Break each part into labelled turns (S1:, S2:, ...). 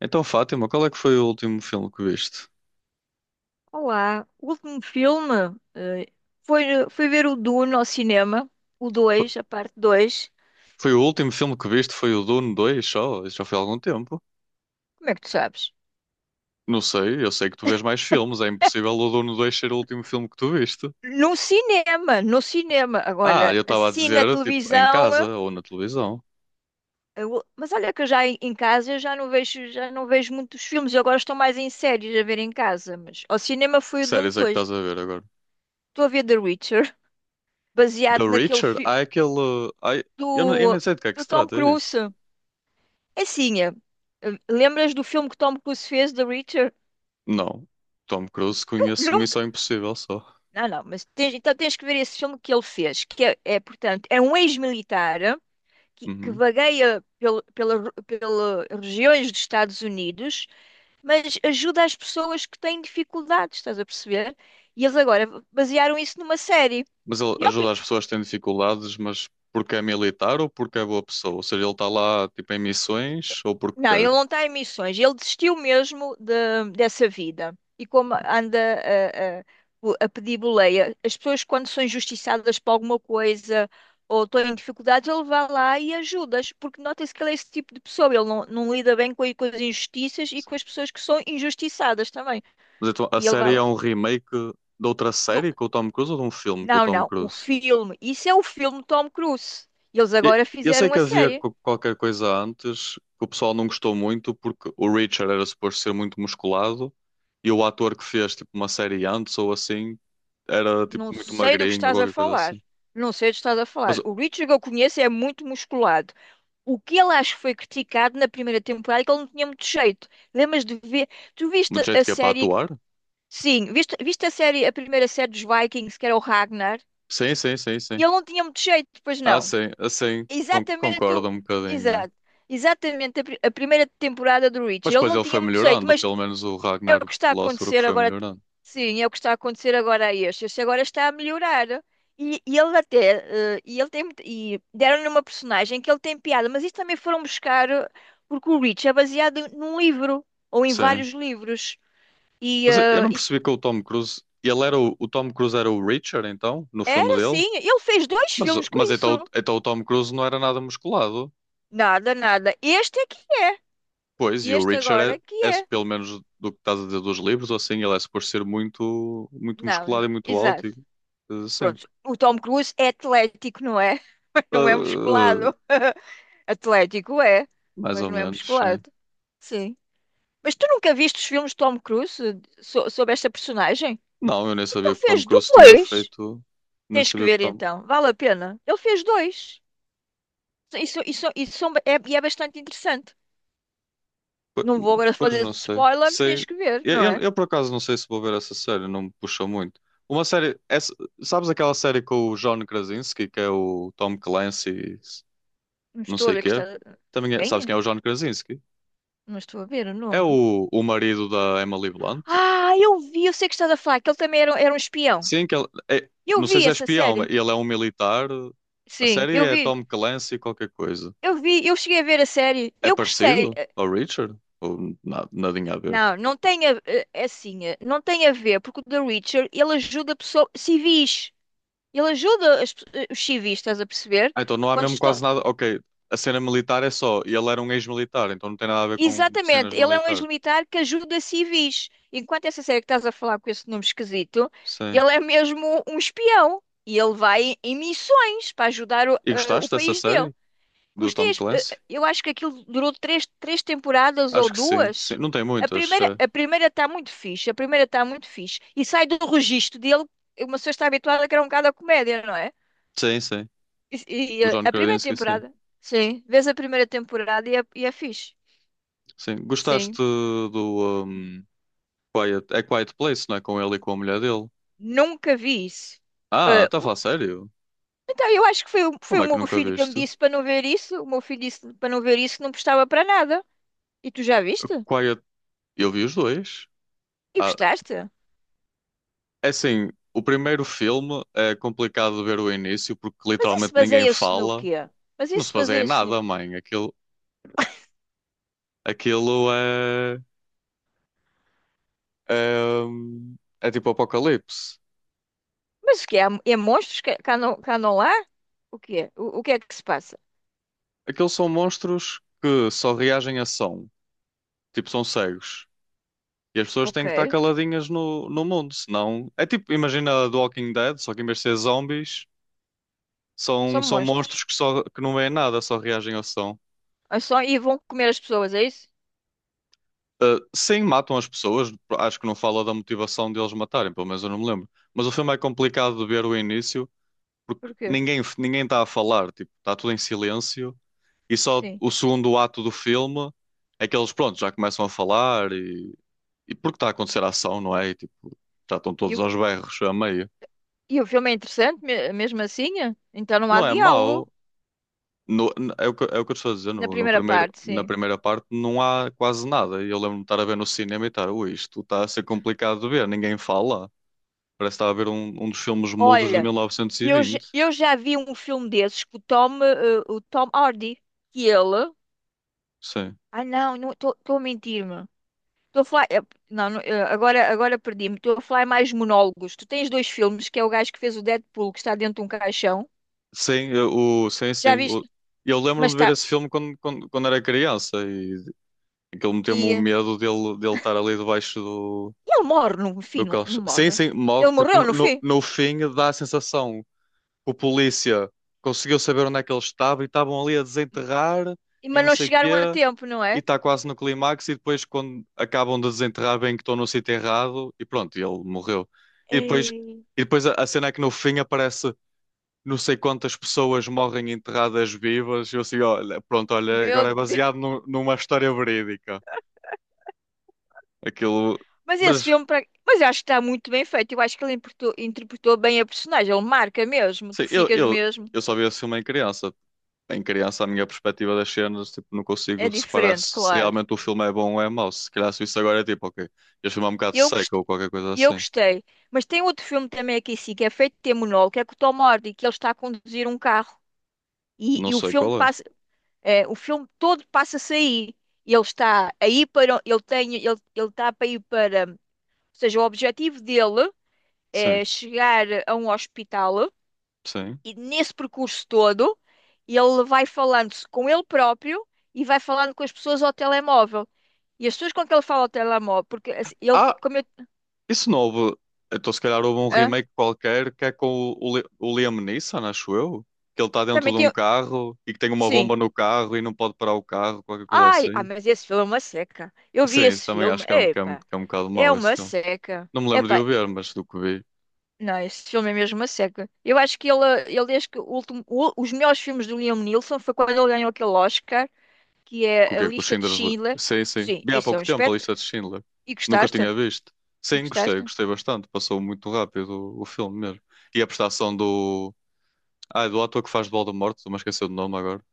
S1: Então, Fátima, qual é que foi o último filme que viste?
S2: Olá, o último filme eh, foi, fui ver o Dune ao cinema, o
S1: F-
S2: 2, a parte 2.
S1: Foi o último filme que viste? Foi o Dune 2 só? Isso já foi há algum tempo.
S2: Como é que tu sabes?
S1: Não sei, eu sei que tu vês mais filmes. É impossível o Dune 2 ser o último filme que tu viste.
S2: No cinema, no cinema.
S1: Ah,
S2: Agora,
S1: eu estava a
S2: assim na
S1: dizer, tipo, em
S2: televisão.
S1: casa ou na televisão.
S2: Mas olha que eu já em casa eu já não vejo muitos filmes. Eu agora estou mais em séries a ver em casa. Mas ao cinema foi
S1: Que
S2: o Dune
S1: séries é que
S2: dois.
S1: estás a ver agora?
S2: Estou a ver The Witcher,
S1: The
S2: baseado naquele
S1: Reacher?
S2: filme
S1: Há aquele. Há... Não, eu
S2: do,
S1: nem sei de que é que
S2: do
S1: se
S2: Tom
S1: trata, é isso?
S2: Cruise. É assim, lembras do filme que Tom Cruise fez, The Witcher?
S1: Não. Tom Cruise conheço
S2: Nunca.
S1: Missão Impossível só.
S2: Não, não, mas então tens que ver esse filme que ele fez, que é, portanto, é um ex-militar que
S1: Uhum.
S2: vagueia pela regiões dos Estados Unidos, mas ajuda as pessoas que têm dificuldades, estás a perceber? E eles agora basearam isso numa série.
S1: Mas ele
S2: E
S1: ajuda as pessoas que têm dificuldades, mas porque é militar ou porque é boa pessoa? Ou seja, ele está lá tipo em missões ou porque
S2: Não, ele
S1: quer.
S2: não está em missões. Ele desistiu mesmo dessa vida. E como anda a pedir boleia, as pessoas quando são injustiçadas por alguma coisa ou estão em dificuldades, ele vai lá e ajuda-as, porque nota-se que ele é esse tipo de pessoa. Ele não, não lida bem com as injustiças e com as pessoas que são injustiçadas também.
S1: Mas então a
S2: E ele vai
S1: série é
S2: lá.
S1: um remake de outra
S2: Do-
S1: série com o Tom Cruise ou de um filme com o
S2: Não,
S1: Tom
S2: não, o
S1: Cruise?
S2: filme. Isso é o filme Tom Cruise. Eles agora
S1: Eu sei
S2: fizeram
S1: que
S2: a
S1: havia
S2: série.
S1: qualquer coisa antes que o pessoal não gostou muito porque o Richard era suposto ser muito musculado e o ator que fez tipo uma série antes ou assim era tipo
S2: Não
S1: muito
S2: sei do que
S1: magrinho ou
S2: estás a
S1: qualquer coisa
S2: falar.
S1: assim.
S2: Não sei do que estás a
S1: Mas
S2: falar.
S1: o
S2: O Richard que eu conheço é muito musculado. O que ele acho que foi criticado na primeira temporada é que ele não tinha muito jeito. Lembras de ver? Tu
S1: do
S2: viste a
S1: jeito que é para
S2: série?
S1: atuar?
S2: Sim, viste, viste a série, a primeira série dos Vikings, que era o Ragnar,
S1: Sim, sim, sim,
S2: e
S1: sim.
S2: ele não tinha muito jeito, pois
S1: Ah,
S2: não.
S1: sim, assim
S2: Exatamente, o-
S1: concordo um bocadinho.
S2: Exato.
S1: É.
S2: Exatamente a primeira temporada do Richard.
S1: Mas
S2: Ele
S1: depois
S2: não
S1: ele
S2: tinha
S1: foi
S2: muito jeito,
S1: melhorando,
S2: mas
S1: pelo menos o
S2: é
S1: Ragnar
S2: o que está a
S1: Lothbrok
S2: acontecer
S1: foi
S2: agora.
S1: melhorando.
S2: Sim, é o que está a acontecer agora a este. Este agora está a melhorar. E ele até, e ele tem, e deram-lhe uma personagem que ele tem piada, mas isto também foram buscar, porque o Rich é baseado num livro, ou em
S1: Sim.
S2: vários livros. E,
S1: Mas eu
S2: eh,
S1: não
S2: e
S1: percebi que o Tom Cruise. Ele era o Tom Cruise era o Richard, então, no filme
S2: era
S1: dele.
S2: assim, ele fez dois filmes com
S1: Mas então,
S2: isso.
S1: então o Tom Cruise não era nada musculado.
S2: Nada, nada. Este é que é.
S1: Pois, e o
S2: Este
S1: Richard
S2: agora é que
S1: é, é,
S2: é.
S1: pelo menos do que estás a dizer dos livros, ou assim, ele é por ser muito, muito
S2: Não,
S1: musculado e
S2: não,
S1: muito alto.
S2: exato.
S1: E, sim.
S2: Pronto, o Tom Cruise é atlético, não é?
S1: Eh,
S2: Não é
S1: eh,
S2: musculado. Atlético é,
S1: mais
S2: mas
S1: ou
S2: não é
S1: menos, sim.
S2: musculado. Sim. Mas tu nunca viste os filmes de Tom Cruise sobre esta personagem?
S1: Não, eu nem sabia
S2: Então
S1: que o Tom
S2: fez
S1: Cruise tinha
S2: dois.
S1: feito. Nem
S2: Tens que
S1: sabia que o
S2: ver
S1: Tom.
S2: então, vale a pena. Ele fez dois. Isso é bastante interessante.
S1: Po-
S2: Não vou agora
S1: Pois
S2: fazer
S1: não sei.
S2: spoiler,
S1: Sei.
S2: tens que ver,
S1: Eu,
S2: não
S1: eu,
S2: é?
S1: eu, por acaso não sei se vou ver essa série, não me puxa muito. Uma série. Essa, sabes aquela série com o John Krasinski, que é o Tom Clancy,
S2: Não
S1: não
S2: estou a
S1: sei o
S2: ver que
S1: quê?
S2: está. Quem
S1: Sabes
S2: é?
S1: quem é o John Krasinski?
S2: Não estou a ver o
S1: É
S2: nome.
S1: o marido da Emily Blunt?
S2: Ah, eu vi, eu sei que estás a falar, que ele também era um espião.
S1: Sim, que ele. É,
S2: Eu
S1: não sei
S2: vi
S1: se é
S2: essa
S1: espião, mas
S2: série.
S1: ele é um militar. A
S2: Sim,
S1: série
S2: eu
S1: é
S2: vi.
S1: Tom Clancy, qualquer coisa.
S2: Eu vi, eu cheguei a ver a série.
S1: É
S2: Eu gostei.
S1: parecido ao Richard? Ou nadinha a ver?
S2: Não, não tem é assim, não tem a ver, porque o The Witcher, ele ajuda pessoas civis. Ele ajuda os civis, estás a perceber?
S1: Ah, então não há
S2: Quando
S1: mesmo
S2: estão...
S1: quase nada. Ok, a cena militar é só. E ele era um ex-militar, então não tem nada a ver com cenas
S2: Exatamente, ele é um
S1: militares.
S2: ex-militar que ajuda civis. Enquanto essa série que estás a falar com esse nome esquisito,
S1: Sim.
S2: ele é mesmo um espião. E ele vai em missões para ajudar
S1: E
S2: o
S1: gostaste dessa
S2: país dele.
S1: série? Do
S2: Gostei,
S1: Tom Clancy?
S2: eu acho que aquilo durou três temporadas ou
S1: Acho que sim, sim.
S2: duas.
S1: Não tem muitas. Eh.
S2: A primeira está muito fixe, a primeira está muito fixe. E sai do registro dele, uma pessoa está habituada que era um bocado a comédia, não é?
S1: Sim, sim.
S2: E, e
S1: O
S2: a
S1: John
S2: primeira
S1: Krasinski, sim.
S2: temporada, sim, vês a primeira temporada e é fixe.
S1: Sim. Gostaste
S2: Sim,
S1: do um, Quiet... É Quiet Place, não é? Com ele e com a mulher dele.
S2: nunca vi isso.
S1: Ah,
S2: Ah,
S1: está a
S2: o-
S1: falar sério?
S2: então, eu acho que foi, foi
S1: Como
S2: o
S1: é que
S2: meu
S1: nunca
S2: filho que me
S1: viste?
S2: disse para não ver isso. O meu filho disse para não ver isso, que não prestava para nada. E tu já viste?
S1: Quiet. Eu vi os dois.
S2: E
S1: Ah,
S2: gostaste?
S1: é assim, o primeiro filme é complicado de ver o início porque
S2: Mas isso
S1: literalmente ninguém
S2: baseia-se no
S1: fala.
S2: quê? Mas
S1: Não se
S2: isso
S1: baseia em
S2: baseia-se no
S1: nada,
S2: quê?
S1: mãe. Aquilo, aquilo é, é, é tipo apocalipse.
S2: Mas o quê? Há, é monstros cá não há? O quê? O que é que se passa?
S1: Aqueles são monstros que só reagem a som. Tipo, são cegos. E as pessoas
S2: Ok,
S1: têm que estar caladinhas no mundo, senão... É tipo, imagina The Walking Dead, só que em vez de ser zombies, são,
S2: são
S1: são
S2: monstros.
S1: monstros que, só, que não veem nada, só reagem a som.
S2: Ah, e vão comer as pessoas, é isso?
S1: Ah, sim, matam as pessoas. Acho que não fala da motivação deles matarem, pelo menos eu não me lembro. Mas o filme é complicado de ver o início porque
S2: Porquê?
S1: ninguém está a falar, tipo, está tudo em silêncio e só
S2: Sim.
S1: o segundo ato do filme é que eles, pronto, já começam a falar e porque está a acontecer a ação, não é? E, tipo, já estão
S2: E,
S1: todos
S2: o
S1: aos berros a meio.
S2: e o filme é interessante, mesmo assim? É? Então não há
S1: Não é
S2: diálogo
S1: mau. No, n- É o que, é o que eu estou a dizer,
S2: na
S1: no
S2: primeira
S1: primeiro,
S2: parte,
S1: na
S2: sim.
S1: primeira parte não há quase nada. E eu lembro-me de estar a ver no cinema e estar, ui, isto está a ser complicado de ver, ninguém fala. Parece que está a ver um, um dos filmes mudos de
S2: Olha,
S1: mil novecentos e vinte
S2: eu já vi um filme desses com o Tom, o Tom Hardy, que ele...
S1: Sim.
S2: Ah, não, estou a mentir-me. Estou a falar. Não, não, agora, agora perdi-me. Estou a falar mais monólogos. Tu tens dois filmes, que é o gajo que fez o Deadpool, que está dentro de um caixão.
S1: Sim, eu- sim,
S2: Já
S1: sim.
S2: viste?
S1: Eu lembro-me
S2: Mas
S1: de ver
S2: está.
S1: esse filme quando, quando, quando era criança e aquilo meteu-me
S2: E,
S1: o
S2: eh,
S1: medo dele, dele estar ali debaixo do,
S2: Ele morre no fim,
S1: do
S2: não, não
S1: colchão. Sim,
S2: morre.
S1: sim, morre
S2: Ele
S1: porque
S2: morreu no fim.
S1: no fim dá a sensação que o polícia conseguiu saber onde é que ele estava e estavam ali a desenterrar e
S2: Mas
S1: não
S2: não
S1: sei o
S2: chegaram a
S1: quê
S2: tempo, não
S1: e
S2: é?
S1: está quase no clímax e depois quando acabam de desenterrar bem que estão no sítio errado e pronto, e ele morreu. E depois,
S2: Ei,
S1: e depois a cena é que no fim aparece não sei quantas pessoas morrem enterradas vivas. Eu assim, olha, pronto, olha,
S2: meu
S1: agora é baseado
S2: Deus.
S1: numa história verídica. Aquilo.
S2: Mas esse
S1: Mas,
S2: filme. Mas eu acho que está muito bem feito. Eu acho que ele interpretou, interpretou bem a personagem. Ele marca mesmo. Tu
S1: sim,
S2: ficas mesmo.
S1: eu só vi esse filme em criança. Em criança, a minha perspectiva das cenas, tipo, não
S2: É
S1: consigo separar
S2: diferente,
S1: se, se
S2: claro.
S1: realmente o filme é bom ou é mau. Se calhar se isso agora é tipo, ok, este filme é um bocado
S2: Eu
S1: seco
S2: gostei.
S1: ou qualquer coisa
S2: E eu
S1: assim.
S2: gostei. Mas tem outro filme também aqui, sim, que é feito de ter monólogo, que é com o Tom Hardy, que ele está a conduzir um carro. E,
S1: Não
S2: e o
S1: sei
S2: filme
S1: qual é.
S2: passa, o filme todo passa-se aí. E ele está aí para, ele tem, ele está para ir para, ou seja, o objetivo dele
S1: Sim,
S2: é chegar a um hospital
S1: sim.
S2: e nesse percurso todo ele vai falando-se com ele próprio e vai falando com as pessoas ao telemóvel. E as pessoas com que ele fala ao telemóvel, porque assim,
S1: Ah,
S2: como eu,
S1: isso novo, então se calhar houve um
S2: hã?
S1: remake qualquer que é com o Liam Neeson, acho eu, que ele está dentro
S2: Também
S1: de um
S2: tem,
S1: carro e que tem uma
S2: sim.
S1: bomba no carro e não pode parar o carro, qualquer coisa
S2: Ai, ah,
S1: assim.
S2: mas esse filme é uma seca. Eu vi
S1: Sim, isso
S2: esse
S1: também
S2: filme,
S1: acho que é um, que é um,
S2: epá,
S1: que é um bocado
S2: é
S1: mau esse
S2: uma
S1: filme.
S2: seca.
S1: Não me lembro de
S2: Epá,
S1: o ver, mas do que vi,
S2: não, esse filme é mesmo uma seca. Eu acho que ele acho que o último, os melhores filmes do Liam Neeson foi quando ele ganhou aquele Oscar, que
S1: com o
S2: é A
S1: que é que o
S2: Lista de
S1: Schindler.
S2: Schindler.
S1: Sim, sim.
S2: Sim,
S1: Vi há
S2: isso é um
S1: pouco tempo a
S2: espetáculo.
S1: lista de Schindler.
S2: E
S1: Nunca
S2: gostaste?
S1: tinha visto.
S2: E
S1: Sim, gostei,
S2: gostaste?
S1: gostei bastante. Passou muito rápido o filme mesmo. E a prestação do. Ah, do ator que faz de Voldemort, estou-me a esquecer do nome agora.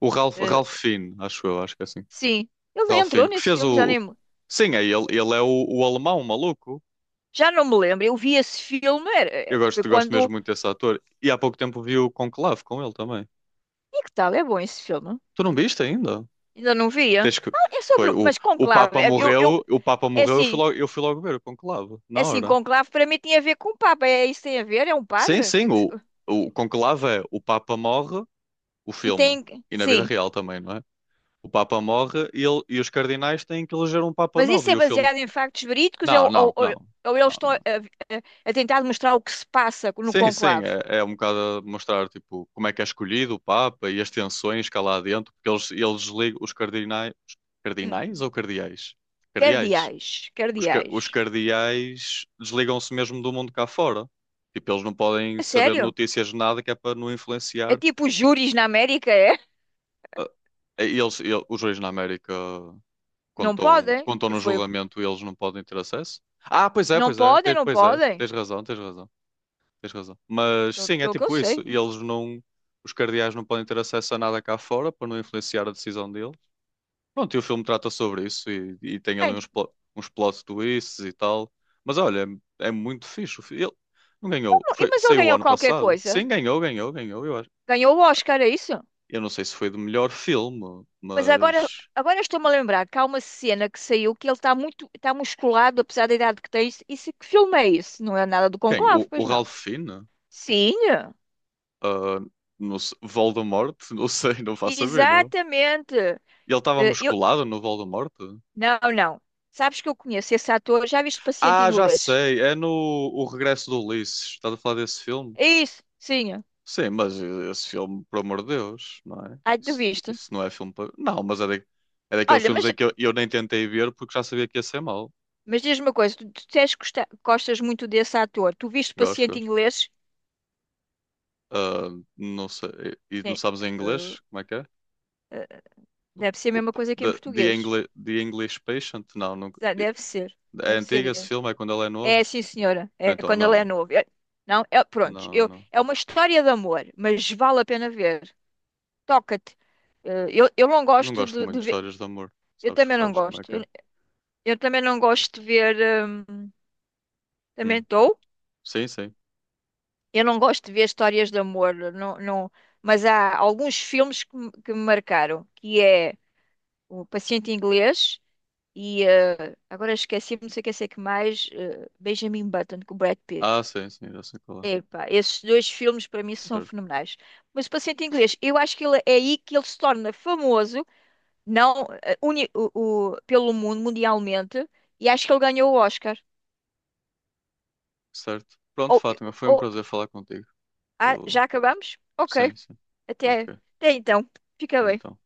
S1: O Ralph,
S2: Eh,
S1: Ralph Fiennes, acho eu, acho que é assim.
S2: sim, ele entrou
S1: Ralfine, que
S2: nesse
S1: fez
S2: filme,
S1: o. Sim, é ele. Ele é o alemão, o maluco.
S2: já não me lembro. Eu vi esse filme,
S1: Eu
S2: foi
S1: gosto, gosto mesmo
S2: quando.
S1: muito desse ator. E há pouco tempo vi o Conclave com ele também.
S2: E que tal? É bom esse filme?
S1: Tu não viste ainda?
S2: Ainda não via.
S1: Tens que.
S2: Ah, é sobre.
S1: Foi,
S2: Mas Conclave, eu,
S1: O Papa
S2: é
S1: morreu,
S2: assim,
S1: eu fui logo ver o Conclave,
S2: é
S1: na
S2: assim,
S1: hora.
S2: conclave para mim tinha a ver com Papa. É isso que tem a ver? É um
S1: Sim,
S2: padre? O que
S1: sim,
S2: é que
S1: o Conclave é o Papa morre, o
S2: e
S1: filme.
S2: tem.
S1: E na vida
S2: Sim.
S1: real também, não é? O Papa morre e, ele, e os cardinais têm que eleger um Papa
S2: Mas
S1: novo.
S2: isso
S1: E
S2: é
S1: o filme.
S2: baseado em factos verídicos
S1: Não,
S2: ou, ou,
S1: não,
S2: ou,
S1: não.
S2: ou eles
S1: Não,
S2: estão
S1: não.
S2: a tentar mostrar o que se passa no
S1: Sim, sim,
S2: conclave?
S1: é, é um bocado a mostrar tipo, como é que é escolhido o Papa e as tensões que há lá dentro, porque eles ligam os cardinais,
S2: Hum.
S1: cardinais ou cardeais? Cardeais.
S2: Cardeais.
S1: Os, os
S2: Cardeais.
S1: cardeais desligam-se mesmo do mundo cá fora. Tipo, eles não podem
S2: É
S1: saber de
S2: sério?
S1: notícias de nada que é para não
S2: É
S1: influenciar.
S2: tipo os júris na América, é?
S1: Ah, eles, os reis na América,
S2: Não podem.
S1: quando estão no
S2: Foi...
S1: julgamento, eles não podem ter acesso? Ah, pois é,
S2: Não
S1: pois é,
S2: podem, não
S1: pois é,
S2: podem.
S1: tens razão, tens razão. Tens razão. Mas
S2: Pelo
S1: sim, é
S2: pelo que eu
S1: tipo isso.
S2: sei.
S1: E eles não. Os cardeais não podem ter acesso a nada cá fora para não influenciar a decisão deles. Pronto, e o filme trata sobre isso e tem ali
S2: Ai, não-
S1: uns, uns plot twists e tal. Mas olha, é muito fixe. Ele não ganhou.
S2: e-
S1: Foi,
S2: Mas ele
S1: saiu o
S2: ganhou
S1: ano
S2: qualquer
S1: passado.
S2: coisa.
S1: Sim, ganhou, ganhou, ganhou, eu acho.
S2: Ganhou o Oscar, é isso?
S1: Eu não sei se foi do melhor filme,
S2: Mas agora,
S1: mas.
S2: agora estou-me a lembrar que há uma cena que saiu que ele está muito, está musculado, apesar da idade que tem. Isso que filme é isso? Não é nada do
S1: Quem?
S2: Conclave,
S1: O
S2: pois não?
S1: Ralph Fiennes?
S2: Sim,
S1: Ah, não sei, Voldemort? Não sei, não faço a ver, não.
S2: exatamente.
S1: Ele estava
S2: Eh, Eu,
S1: musculado no Voldemort?
S2: não, não. Sabes que eu conheço esse ator, já viste Paciente
S1: Ah, já
S2: Inglês?
S1: sei. É no O Regresso do Ulisses. Estás a falar desse filme?
S2: É isso, sim.
S1: Sim, mas esse filme, por amor de Deus, não é?
S2: Ai, tu
S1: Isso,
S2: viste.
S1: isso não é filme para. Não, mas é, é daqueles
S2: Olha,
S1: filmes em que eu nem tentei ver porque já sabia que ia ser mau.
S2: mas diz-me uma coisa, tu disseste que gostas muito desse ator. Tu viste
S1: Gosto,
S2: Paciente
S1: gosto.
S2: Inglês?
S1: Ah, não sei. E não
S2: Sim.
S1: sabes em
S2: Eh,
S1: inglês? Como é que é?
S2: eh, Deve ser a
S1: O
S2: mesma
S1: p-
S2: coisa que em
S1: the, the,
S2: português.
S1: Engli- The English Patient? Não, não.
S2: Deve ser,
S1: É
S2: deve
S1: antigo esse
S2: ser
S1: filme? É quando ele é novo?
S2: É, sim, senhora. É
S1: Então,
S2: quando ele é
S1: não.
S2: novo. É- não, É, pronto.
S1: Não,
S2: Eu,
S1: não.
S2: é uma história de amor, mas vale a pena ver. Toca-te. Eu não
S1: Não
S2: gosto
S1: gosto muito
S2: de
S1: de
S2: ver.
S1: histórias de amor.
S2: Eu
S1: Sabes,
S2: também não
S1: sabes como é
S2: gosto.
S1: que é?
S2: Eu também não gosto de ver. hum, Também
S1: Hum.
S2: estou.
S1: Sim, sim.
S2: Eu não gosto de ver histórias de amor. Não, não, mas há alguns filmes que me marcaram, que é O Paciente Inglês e agora esqueci-me, não sei o que sei que mais, Benjamin Button com o Brad Pitt.
S1: Ah, sim, sim, já sei qual é.
S2: Epá, esses dois filmes para mim são
S1: Certo,
S2: fenomenais. Mas o Paciente Inglês, eu acho que ele, é aí que ele se torna famoso, não eh, uni- o- pelo mundo, mundialmente, e acho que ele ganhou o Oscar.
S1: certo. Pronto,
S2: Ou,
S1: Fátima, foi um
S2: ou-
S1: prazer falar contigo. Eu,
S2: Já acabamos? Ok,
S1: sim, sim.
S2: até,
S1: Ok,
S2: até então. Fica bem.
S1: então.